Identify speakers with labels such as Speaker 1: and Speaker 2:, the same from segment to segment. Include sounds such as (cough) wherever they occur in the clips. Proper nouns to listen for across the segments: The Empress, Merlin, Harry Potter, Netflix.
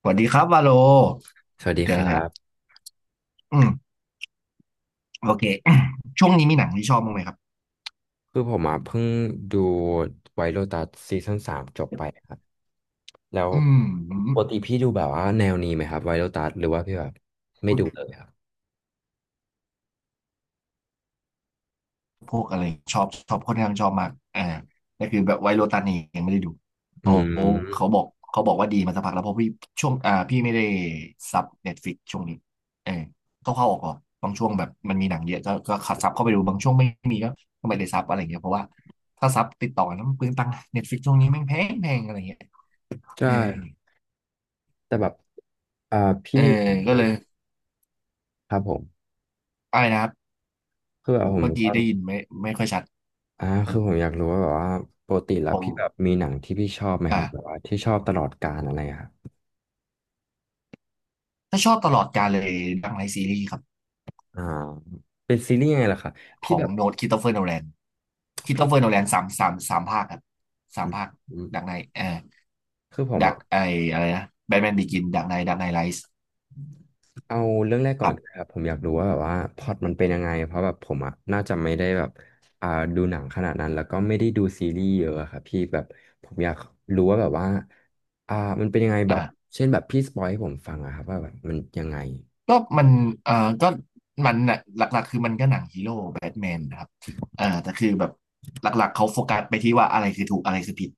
Speaker 1: สวัสดีครับวาโล
Speaker 2: สวัสดี
Speaker 1: เดี๋
Speaker 2: ค
Speaker 1: ยว
Speaker 2: รั
Speaker 1: น่
Speaker 2: บ
Speaker 1: อืมโอเค (clears throat) ช่วงนี้มีหนังที่ชอบบ้างไหมครับ
Speaker 2: คือผมอ่ะเพิ่งดูไวท์โ o ตัสซีซั่น 3จบไปครับแล้ว
Speaker 1: อื
Speaker 2: ปก
Speaker 1: ม
Speaker 2: ติพี่ดูแบบว่าแนวนี้ไหมครับไวท์โ o ตัสหรือว่าพี่แบบไม่
Speaker 1: พู
Speaker 2: ดูเล
Speaker 1: ด
Speaker 2: ยครับ
Speaker 1: พวกอะไรชอบค่อนข้างชอบมากแต่คือแบบไวโรตันนี่ยังไม่ได้ดู
Speaker 2: อื
Speaker 1: เขาเขา
Speaker 2: ม
Speaker 1: บอกเขาบอกว่าดีมาสักพักแล้วเพราะพี่ช่วงพี่ไม่ได้ซับเน็ตฟ i ิกช่วงนี้เออเข้าออกบางช่วงแบบมันมีหนังเยอะก็ขัดซับเข้าไปดูบางช่วงไม่มีก็ไม่ได้ซับอะไรอย่างเงี้ยเพราะว่าถ้าซับติดต่อกันแล้วมันเปลืองตังค์เน็ตฟลิกช่วงนี้แม่งแพงอะไรอย่างเงี้ย
Speaker 2: ใช
Speaker 1: เออ
Speaker 2: ่แต่แบบอ่าพี่
Speaker 1: อ
Speaker 2: มีถาม
Speaker 1: ก็เล
Speaker 2: นะ
Speaker 1: ย
Speaker 2: ครับผม
Speaker 1: อะไรนะครับ
Speaker 2: คือแบบผม
Speaker 1: เมื่อกี้
Speaker 2: ก็
Speaker 1: ได้ยินไม่ไม่ค่อยชัด
Speaker 2: คือผมอยากรู้ว่าแบบว่าปกติแล้
Speaker 1: ผ
Speaker 2: วพี่แบบ
Speaker 1: ม
Speaker 2: มีหนังที่พี่ชอบไหมค
Speaker 1: อ่า
Speaker 2: รับแบบว่าที่ชอบตลอดกาลอะไรอะครับ
Speaker 1: ถ้าชอบตลอดกาลเลยดังไลท์ซีรีส์ครับ
Speaker 2: อ่าเป็นซีรีส์ยังไงล่ะครับ
Speaker 1: ข
Speaker 2: พี่
Speaker 1: อง
Speaker 2: แบบ
Speaker 1: โนตคริสโตเฟอร์โนแลนคริสโต
Speaker 2: พี่
Speaker 1: เฟอร์โนแลนสามภาคครับสา
Speaker 2: อื
Speaker 1: ม
Speaker 2: ม
Speaker 1: ภาค
Speaker 2: อืม
Speaker 1: ดักไนเอ่อ
Speaker 2: คือผม
Speaker 1: ดัก
Speaker 2: อ่ะ
Speaker 1: ไออะไรนะแบทแมนบิกินดักไนไลท์
Speaker 2: เอาเรื่องแรก
Speaker 1: ค
Speaker 2: ก่อ
Speaker 1: รั
Speaker 2: น
Speaker 1: บ
Speaker 2: ครับผมอยากรู้ว่าแบบว่าพล็อตมันเป็นยังไงเพราะแบบผมอ่ะน่าจะไม่ได้แบบอ่าดูหนังขนาดนั้นแล้วก็ไม่ได้ดูซีรีส์เยอะอะครับพี่แบบผมอยากรู้ว่าแบบว่าอ่ามันเป็นยังไงแบบ
Speaker 1: อ่า
Speaker 2: เช่นแบบพี่สปอยให้ผมฟังอะครับว่าแบบมันยังไง
Speaker 1: ก็มันก็มันน่ะหลักๆคือมันก็หนังฮีโร่แบทแมนนะครับแต่คือแบบหลักๆเขาโฟกัสไปที่ว่าอะไรคือถูกอะไรคือผิด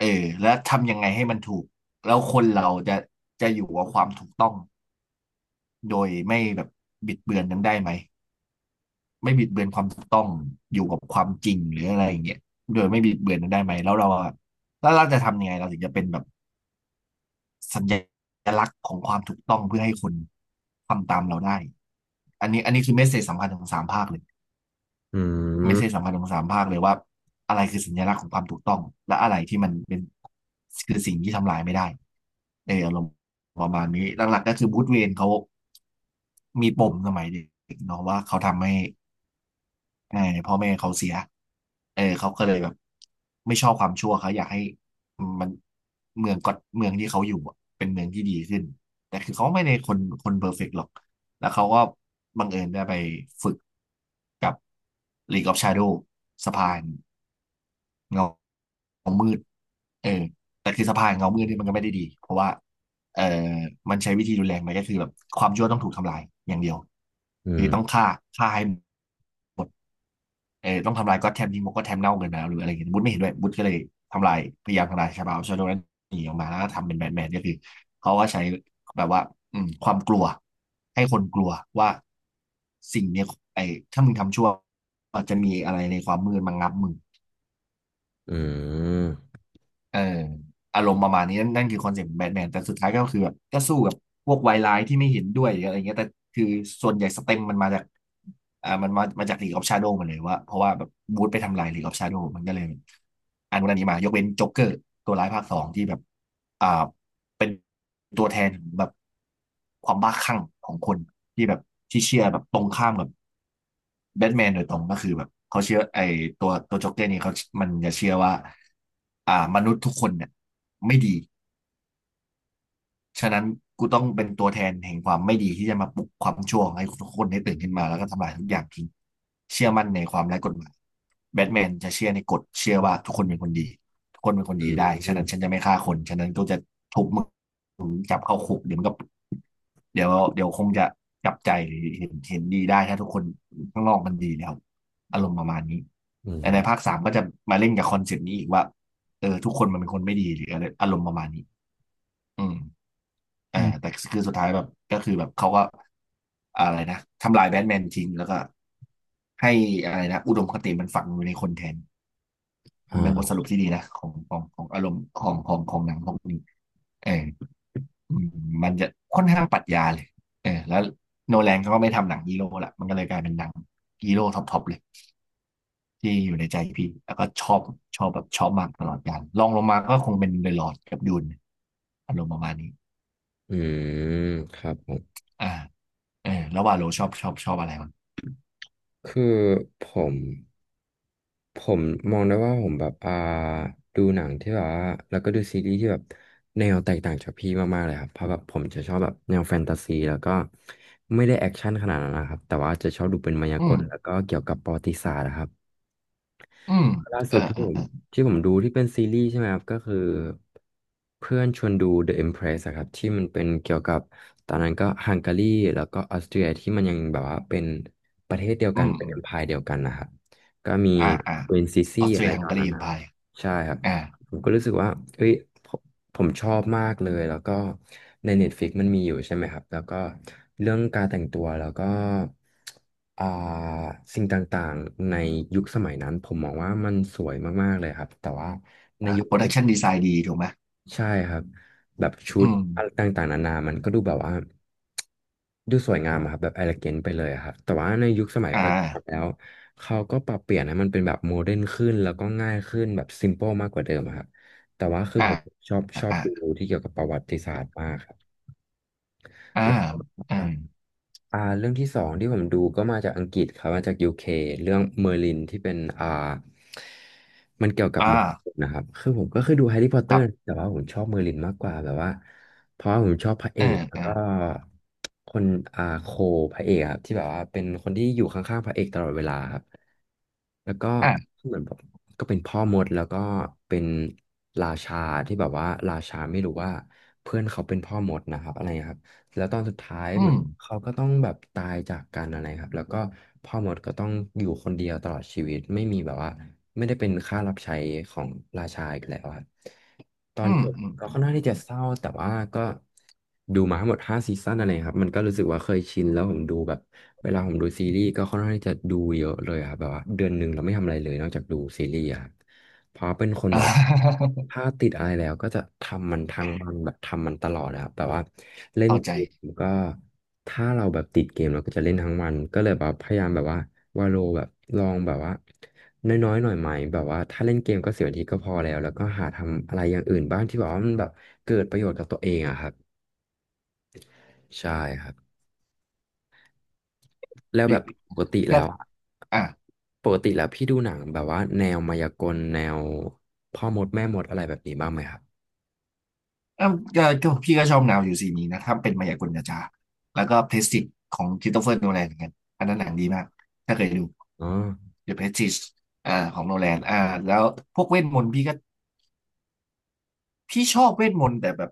Speaker 1: เออแล้วทำยังไงให้มันถูกแล้วคนเราจะอยู่กับความถูกต้อง โดยไม่แบบบิดเบือนนั้นได้ไหมไม่บิดเบือนความถูกต้องอยู่กับความจริงหรืออะไรอย่างเงี้ยโดยไม่บิดเบือนนั้นได้ไหมแล้วเราอะแล้วเราจะทำยังไงเราถึงจะเป็นแบบสัญลักษณ์ของความถูกต้องเพื่อให้คนทำตามเราได้อันนี้คือเมสเซจสำคัญของสามภาคเลย
Speaker 2: อื
Speaker 1: เมสเซจ
Speaker 2: ม
Speaker 1: สำคัญของสามภาคเลยว่าอะไรคือสัญลักษณ์ของความถูกต้องและอะไรที่มันเป็นคือสิ่งที่ทำลายไม่ได้เอออารมณ์ประมาณนี้หลักๆก็คือบูธเวนเขามีปมสมัยเด็กเนาะว่าเขาทำให้ เออพ่อแม่เขาเสียเออเขาก็เลยแบบไม่ชอบความชั่วเขาอยากให้มันเมืองก็เมืองที่เขาอยู่อะเป็นเมืองที่ดีขึ้นแต่คือเขาไม่ได้คนเพอร์เฟกต์หรอกแล้วเขาก็บังเอิญได้ไปฝึกกับ League of Shadow สะพานเงาเงามืดเออแต่คือสะพานเงามืดนี่มันก็ไม่ได้ดีเพราะว่าเออมันใช้วิธีรุนแรงไปก็คือแบบความชั่วต้องถูกทำลายอย่างเดียว
Speaker 2: อื
Speaker 1: คือ
Speaker 2: ม
Speaker 1: ต้องฆ่าฆ่าให้ เออต้องทำลายก็อตแทมทิ้งเก็อตแทมเน่าเกินไปแล้วหรืออะไรอย่างเงี้ยบุ๊ทไม่เห็นด้วยบุ๊ทก็เลยทำลายพยายามทำลายชาบาวชาโดนั้นหนีออกมาแล้วก็ทำเป็นแบทแมนก็คือเขาก็ใช้แบบว่าอืมความกลัวให้คนกลัวว่าสิ่งเนี้ยไอ้ถ้ามึงทำชั่วอาจจะมีอะไรในความมืดมางับมึง
Speaker 2: อืม
Speaker 1: เอออารมณ์ประมาณนี้นั่นคือคอนเซ็ปต์แบทแมนแต่สุดท้ายก็คือแบบก็สู้กับพวกวายร้ายที่ไม่เห็นด้วยหรืออะไรเงี้ยแต่คือส่วนใหญ่สเต็มมันมาจากอ่ามันมามาจากลีกออฟชาโดว์มาเลยว่าเพราะว่าแบบบูธไปทำลายลีกออฟชาโดว์มันก็เลยอันนู้นอันนี้มายกเว้นจ็อกเกอร์ตัวร้ายภาคสองที่แบบอ่า เป็นตัวแทนแบบความบ้าคลั่งของคนที่แบบที่เชื่อแบบตรงข้ามกับแบทแมนโดยตรงก็คือแบบเขาเชื่อไอ้ตัวโจ็อกเกอร์นี่เขามันจะเชื่อว่ามนุษย์ทุกคนเนี่ยไม่ดี ฉะนั้นกูต้องเป็นตัวแทนแห่งความไม่ดีที่จะมาปลุกความชั่วให้ทุกคนได้ตื่นขึ้นมาแล้วก็ทำลายทุกอย่างทิ้งเชื่อมั่นในความไร้กฎหมายแบทแมนจะเชื่อในกฎเชื่อว่าทุกคนเป็นคนดีทุกคนเป็นคน
Speaker 2: อื
Speaker 1: ดี
Speaker 2: ม
Speaker 1: ได้
Speaker 2: อื
Speaker 1: ฉะ
Speaker 2: ม
Speaker 1: นั้นฉันจะไม่ฆ่าคนฉะนั้นก็จะทุบมึงจับเข้าคุกเดี๋ยวเดี๋ยวคงจะจับใจเห็นดีได้ถ้าทุกคนข้างนอกมันดีแล้วอารมณ์ประมาณนี้
Speaker 2: อื
Speaker 1: แต่ใน
Speaker 2: ม
Speaker 1: ภาคสามก็จะมาเล่นกับคอนเซ็ปต์นี้อีกว่าเออทุกคนมันเป็นคนไม่ดีหรืออะไรอารมณ์ประมาณนี้อืม แต่คือสุดท้ายแบบก็คือแบบเขาก็อะไรนะทำลายแบทแมนทิ้งแล้วก็ให้อะไรนะอุดมคติมันฝังอยู่ในคนแทนมันเป็นบทส
Speaker 2: อ่า
Speaker 1: รุปที่ดีนะของอารมณ์ของหนังพวกนี้เอออืมมันจะค่อนข้างปรัชญาเลยแล้วโนแลนเขาก็ไม่ทำหนังฮีโร่ละมันก็เลยกลายเป็นหนังฮีโร่ท็อปๆเลยที่อยู่ในใจพี่แล้วก็ชอบมากตลอดกาลลองลงมาก็คงเป็นเดอะลอร์ดกับดูนอารมณ์ประมาณนี้
Speaker 2: อืมครับผม
Speaker 1: อ่าแล้วว่าโลชอบชอบอะไรวะ
Speaker 2: คือผม ผมมองได้ว่าผมแบบดูหนังที่แบบว่าแล้วก็ดูซีรีส์ที่แบบแนวแตกต่างจากพี่มากๆเลยครับเพราะแบบผมจะชอบแบบแนวแฟนตาซีแล้วก็ไม่ได้แอคชั่นขนาดนั้นนะครับแต่ว่าจะชอบดูเป็นมายา
Speaker 1: อื
Speaker 2: ก
Speaker 1: ม
Speaker 2: ลแล้วก็เกี่ยวกับประวัติศาสตร์นะครับ
Speaker 1: อืม
Speaker 2: ล่า
Speaker 1: เอ
Speaker 2: สุ
Speaker 1: อ
Speaker 2: ดที่
Speaker 1: เอ
Speaker 2: ผ
Speaker 1: อ
Speaker 2: ม
Speaker 1: เออ
Speaker 2: ที่ผมดูที่เป็นซีรีส์ใช่ไหมครับก็คือเพื่อนชวนดู The Empress อะครับที่มันเป็นเกี่ยวกับตอนนั้นก็ฮังการีแล้วก็ออสเตรียที่มันยังแบบว่าเป็นประเทศเดียวกั
Speaker 1: อื
Speaker 2: น
Speaker 1: ม
Speaker 2: เป็น
Speaker 1: อื
Speaker 2: e
Speaker 1: ม
Speaker 2: m ม i r e เดียวกันนะครับก็มี
Speaker 1: อ่าอ่า
Speaker 2: ควีนซิซี่
Speaker 1: ออสเต
Speaker 2: อะ
Speaker 1: รี
Speaker 2: ไร
Speaker 1: ยฮั
Speaker 2: ต
Speaker 1: ง
Speaker 2: อน
Speaker 1: การี
Speaker 2: นั้น
Speaker 1: อิม
Speaker 2: นะครับ
Speaker 1: พาย
Speaker 2: ใช่ครับ
Speaker 1: อ่า
Speaker 2: ผมก็รู้สึกว่าเฮ้ยผมผมชอบมากเลย แล้วก็ใน Netflix มันมีอยู่ใช่ไหมครับ แล้วก็เรื่องการแต่งตัว แล้วก็อ่าสิ่งต่างๆในยุคสมัยนั้น ผมมองว่ามันสวยมากๆเลยครับ แต่ว่าใน
Speaker 1: อ่า
Speaker 2: ยุค
Speaker 1: โปร
Speaker 2: ปัจ
Speaker 1: ดั
Speaker 2: จุ
Speaker 1: ก
Speaker 2: บั
Speaker 1: ชั
Speaker 2: น
Speaker 1: นดีไซน์ดีถูกไหม
Speaker 2: ใช่ครับแบบชุด
Speaker 1: อืม
Speaker 2: อะไรต่างๆนานามันก็ดูแบบว่าดูสวยงามอะครับแบบ e l เล g a น t ไปเลยอะครับแต่ว่าในยุคสมัย
Speaker 1: อ่า
Speaker 2: ปัจจุบันแล้วเขาก็ปรับเปลี่ยนให้มันเป็นแบบโมเดิร์นขึ้นแล้วก็ง่ายขึ้นแบบ s ิมอะครพบแต่ว่าคือผ
Speaker 1: อ่า
Speaker 2: มชอบ
Speaker 1: อ่า
Speaker 2: ดูที่เกี่ยวกับประวัติศาสตร์มากครับ
Speaker 1: อ่าอ่า
Speaker 2: อ่ะเรื่องที่สองที่ผมดูก็มาจากอังกฤษครับมาจากยูเคเรื่องเมอร์ลินที่เป็นมันเกี่ยวกับ
Speaker 1: อ่า
Speaker 2: มังกรนะครับคือผมก็เคยดูแฮร์รี่พอตเต
Speaker 1: ค
Speaker 2: อ
Speaker 1: รั
Speaker 2: ร์
Speaker 1: บ
Speaker 2: แต่ว่าผมชอบเมอร์ลินมากกว่าแบบว่าเพราะว่าผมชอบพระเอ
Speaker 1: อ่า
Speaker 2: กแล้ว
Speaker 1: อ่า
Speaker 2: ก็คนอ่าโคพระเอกครับที่แบบว่าเป็นคนที่อยู่ข้างๆพระเอกตลอดเวลาครับแล้วก็
Speaker 1: อ่า
Speaker 2: เหมือนแบบก็เป็นพ่อมดแล้วก็เป็นราชาที่แบบว่าราชาไม่รู้ว่าเพื่อนเขาเป็นพ่อมดนะครับอะไรครับ แล้วตอนสุดท้าย
Speaker 1: อื
Speaker 2: เหมือ
Speaker 1: ม
Speaker 2: นเขาก็ต้องแบบตายจากกันอะไรครับแล้วก็พ่อมดก็ต้องอยู่คนเดียวตลอดชีวิตไม่มีแบบว่าไม่ได้เป็นข้ารับใช้ของราชาอีกแล้วครับตอ
Speaker 1: อื
Speaker 2: น
Speaker 1: ม
Speaker 2: จบ
Speaker 1: อื
Speaker 2: ก็ค่อ
Speaker 1: ม
Speaker 2: นข้างที่จะเศร้าแต่ว่าก็ดูมาทั้งหมด5 ซีซั่นอะไรครับมันก็รู้สึกว่าเคยชินแล้วผมดูแบบเวลาผมดูซีรีส์ก็ค่อนข้างที่จะดูเยอะเลยครับแบบว่าเดือนหนึ่งเราไม่ทำอะไรเลยนอกจากดูซีรีส์อะครับ เพราะเป็นคน
Speaker 1: (laughs)
Speaker 2: แบ
Speaker 1: อ่า
Speaker 2: บถ้าติดอะไรแล้วก็จะทำมันทั้งวันแบบทำมันตลอดนะครับแบบว่าเล่
Speaker 1: (laughs)
Speaker 2: น
Speaker 1: เข้า
Speaker 2: เก
Speaker 1: ใจ
Speaker 2: มก็ถ้าเราแบบติดเกมเราก็จะเล่นทั้งวันก็เลยแบบพยายามแบบว่าวาโลแบบลองแบบว่าน้อยๆหน่อยไหมแบบว่าถ้าเล่นเกมก็10 นาทีก็พอแล้วแล้วก็หาทำอะไรอย่างอื่นบ้างที่แบบว่ามันแบบเกิดประโยชน์กับตัวเองอะครับใช่ครับแล้ว
Speaker 1: เดี๋
Speaker 2: แบ
Speaker 1: ย
Speaker 2: บ
Speaker 1: ว
Speaker 2: ปกติแล้
Speaker 1: ก็
Speaker 2: วอะ
Speaker 1: อ่า
Speaker 2: ปกติแล้วพี่ดูหนังแบบว่าแนวมายากลแนวพ่อมดแม่มดอะไรแบบนี้บ้างไหมครับ
Speaker 1: เอ้าก็พี่ก็ชอบแนวอยู่สีนี้นะถ้าเป็นมายากลจาๆแล้วก็เพรสติจของคริสโตเฟอร์โนแลนเหมือนกันอันนั้นหนังดีมากถ้าเคยดู
Speaker 2: อ๋อ
Speaker 1: The Prestige อ่าของโนแลนอ่าแล้วพวกเวทมนต์พี่ชอบเวทมนต์แต่แบบ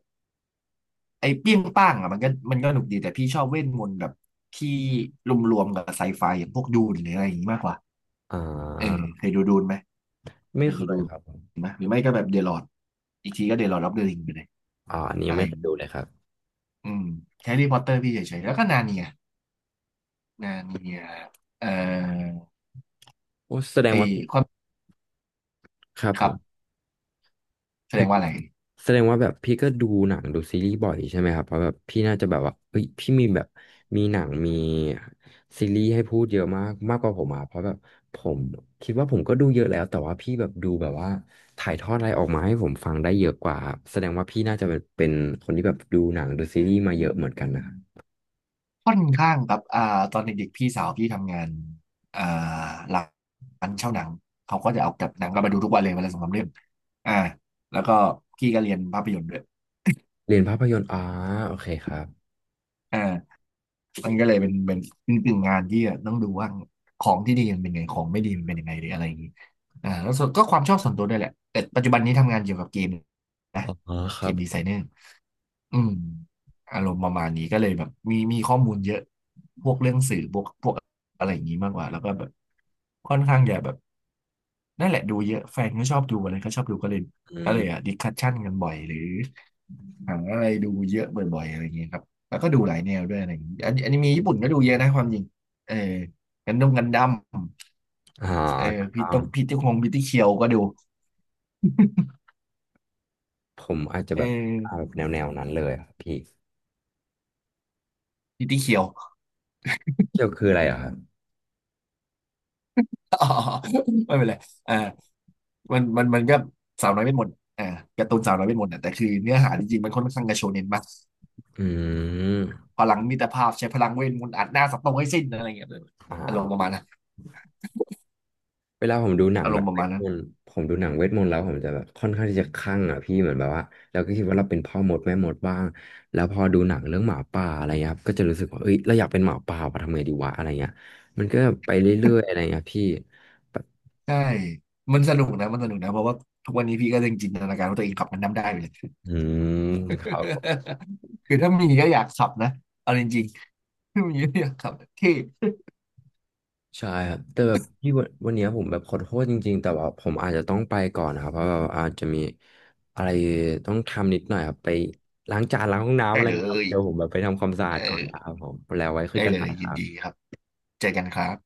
Speaker 1: ไอ้เปี้ยงป้างอ่ะมันก็หนุกดีแต่พี่ชอบเวทมนต์แบบที่รวมๆกับไซไฟอย่างพวกดูนหรืออะไรอย่างนี้มากกว่า
Speaker 2: อ่
Speaker 1: เออ
Speaker 2: า
Speaker 1: เคยดูดูนไหมเค
Speaker 2: ไม่
Speaker 1: ย
Speaker 2: เค
Speaker 1: ดู
Speaker 2: ย
Speaker 1: ดูน
Speaker 2: ครับผม
Speaker 1: ไหมหรือไม่ก็แบบเดลอดอีกทีก็เดลอดรับเดลิงไปเลย
Speaker 2: อ่าอันนี้
Speaker 1: อะ
Speaker 2: ยัง
Speaker 1: ไร
Speaker 2: ไม่
Speaker 1: อ
Speaker 2: เค
Speaker 1: ย่าง
Speaker 2: ย
Speaker 1: นี้
Speaker 2: ดูเลยครับ
Speaker 1: อืมแฮร์รี่พอตเตอร์พี่เฉยๆแล้วก็นาเนีย งานเมียเอ่อ
Speaker 2: โอ้แสดง
Speaker 1: ไอ
Speaker 2: ว่า
Speaker 1: ความ
Speaker 2: ครับ
Speaker 1: ค
Speaker 2: ผ
Speaker 1: รั
Speaker 2: ม
Speaker 1: บแสด
Speaker 2: ให้
Speaker 1: งว่าอะไร
Speaker 2: แสดงว่าแบบพี่ก็ดูหนังดูซีรีส์บ่อยใช่ไหมครับเพราะแบบพี่น่าจะแบบว่าเฮ้ยพี่มีแบบมีหนังมีซีรีส์ให้พูดเยอะมากมากกว่าผมอ่ะเพราะแบบผมคิดว่าผมก็ดูเยอะแล้วแต่ว่าพี่แบบดูแบบว่าถ่ายทอดอะไรออกมาให้ผมฟังได้เยอะกว่าครับแสดงว่าพี่น่าจะเป็นคนที่แบบดูหนังดูซีรีส์มาเยอะเหมือนกันนะครับ
Speaker 1: ค่อนข้างครับอ่าตอนเด็กๆพี่สาวพี่ทำงานอ่าร้านเช่าหนังเขาก็จะเอากับหนังก็มาดูทุกวันเลยวันละสองสามเรื่องอ่าแล้วก็พี่ก็เรียนภาพยนตร์ด้วย
Speaker 2: เรียนภาพยนตร์อ่าโอเคครับ
Speaker 1: อ่ามันก็เลยเป็นเป็นกึ่งงานที่ต้องดูว่าของที่ดีมันเป็นไงของไม่ดีมันเป็นยังไงหรืออะไรอย่างนี้อ่าแล้วส่วนก็ความชอบส่วนตัวด้วยแหละแต่ปัจจุบันนี้ทำงานเกี่ยวกับเกมนะ
Speaker 2: อ๋อค
Speaker 1: เก
Speaker 2: รับ
Speaker 1: มดีไซเนอร์ อืมอารมณ์ประมาณนี้ก็เลยแบบมีข้อมูลเยอะพวกเรื่องสื่อพวกอะไรอย่างนี้มากกว่าแล้วก็แบบค่อนข้างอย่าแบบนั่นแหละดูเยอะแฟนก็ชอบดูอะไรก็ชอบดูก็เลย
Speaker 2: อื
Speaker 1: ก็
Speaker 2: ม
Speaker 1: เลยอ่ะดิสคัชชั่นกันบ่อยหรือหาอะไรดูเยอะบ่อยๆอะไรอย่างเงี้ยครับแล้วก็ดูหลายแนวด้วยอะไรอย่างงี้อันนี้มีญี่ปุ่นก็ดูเยอะนะความจริงเออกันดงกันดั้ม
Speaker 2: อ่
Speaker 1: เออพี่ต้อง
Speaker 2: า
Speaker 1: พี่ที่คงพี่ที่เคียวก็ดู
Speaker 2: ผมอาจจะ
Speaker 1: เอ
Speaker 2: แบบเอา
Speaker 1: อ
Speaker 2: แนวนั้นเลยอะครับพี่
Speaker 1: พี่ที่เคียว
Speaker 2: เกี่ยวคืออะไรเหรอครับ
Speaker 1: (laughs) ไม่เป็นไร มันก็สาวน้อยเวทมนต์อ่าการ์ตูนสาวน้อยเวทมนต์อ่ะแต่คือเนื้อหาจริงๆมันค่อนข้างจะโชเน็นมาก
Speaker 2: อืม
Speaker 1: พลังมิตรภาพใช้พลังเวทมนต์อัดหน้าสัตว์ตรงให้สิ้นอะไรเงี้ยเลย
Speaker 2: อ
Speaker 1: อารมณ์ประ
Speaker 2: ่า
Speaker 1: มาณนั้น
Speaker 2: เวลาผมดูหนัง
Speaker 1: อาร
Speaker 2: แบ
Speaker 1: ม
Speaker 2: บ
Speaker 1: ณ์ประ
Speaker 2: เว
Speaker 1: มา
Speaker 2: ท
Speaker 1: ณ
Speaker 2: ม
Speaker 1: นั้น
Speaker 2: นต์ผมดูหนังเวทมนต์แล้วผมจะแบบค่อนข้างที่จะคลั่งอะพี่เหมือนแบบว่าเราก็คิดว่าเราเป็นพ่อมดแม่มดบ้างแล้วพอดูหนังเรื่องหมาป่าอะไรเงี้ยครับก็จะรู้สึกว่าเอ้ยเราอยากเป็นหมาป่าว่ะทำไงดีวะอะไรเงี้ยมันก็ไปเรื่อยๆอะไรเงี้ยพี่แบบ
Speaker 1: (laughs) ใช่มันสนุกนะเพราะว่าทุกวันนี้พี่ก็ยังจินตนาการว่าตัวเองขับมันน้ำได้อยู่เลย
Speaker 2: อืมครับ
Speaker 1: (laughs) คือถ้ามีก็อยากขับนะเอาจริงๆถ้ามีก็อยากขับเท่
Speaker 2: ใช่ครับแต่แบบพี่วันวันเนี้ยผมแบบขอโทษจริงๆแต่ว่าผมอาจจะต้องไปก่อนนะครับเพราะว่าอาจจะมีอะไรต้องทำนิดหน่อยครับไปล้างจานล้างห้องน้ำอะ
Speaker 1: ได้
Speaker 2: ไร
Speaker 1: เล
Speaker 2: เงี้ยครับ
Speaker 1: ย
Speaker 2: เดี๋ยวผมแบบไปทำความสะอา
Speaker 1: เอ
Speaker 2: ดก่อนนะ
Speaker 1: อ
Speaker 2: ครับผมแล้วไว้คุย
Speaker 1: ได้
Speaker 2: กัน
Speaker 1: เล
Speaker 2: ใหม่
Speaker 1: ย
Speaker 2: ค
Speaker 1: ยิน
Speaker 2: รับ
Speaker 1: ดีครับเจอกันครับ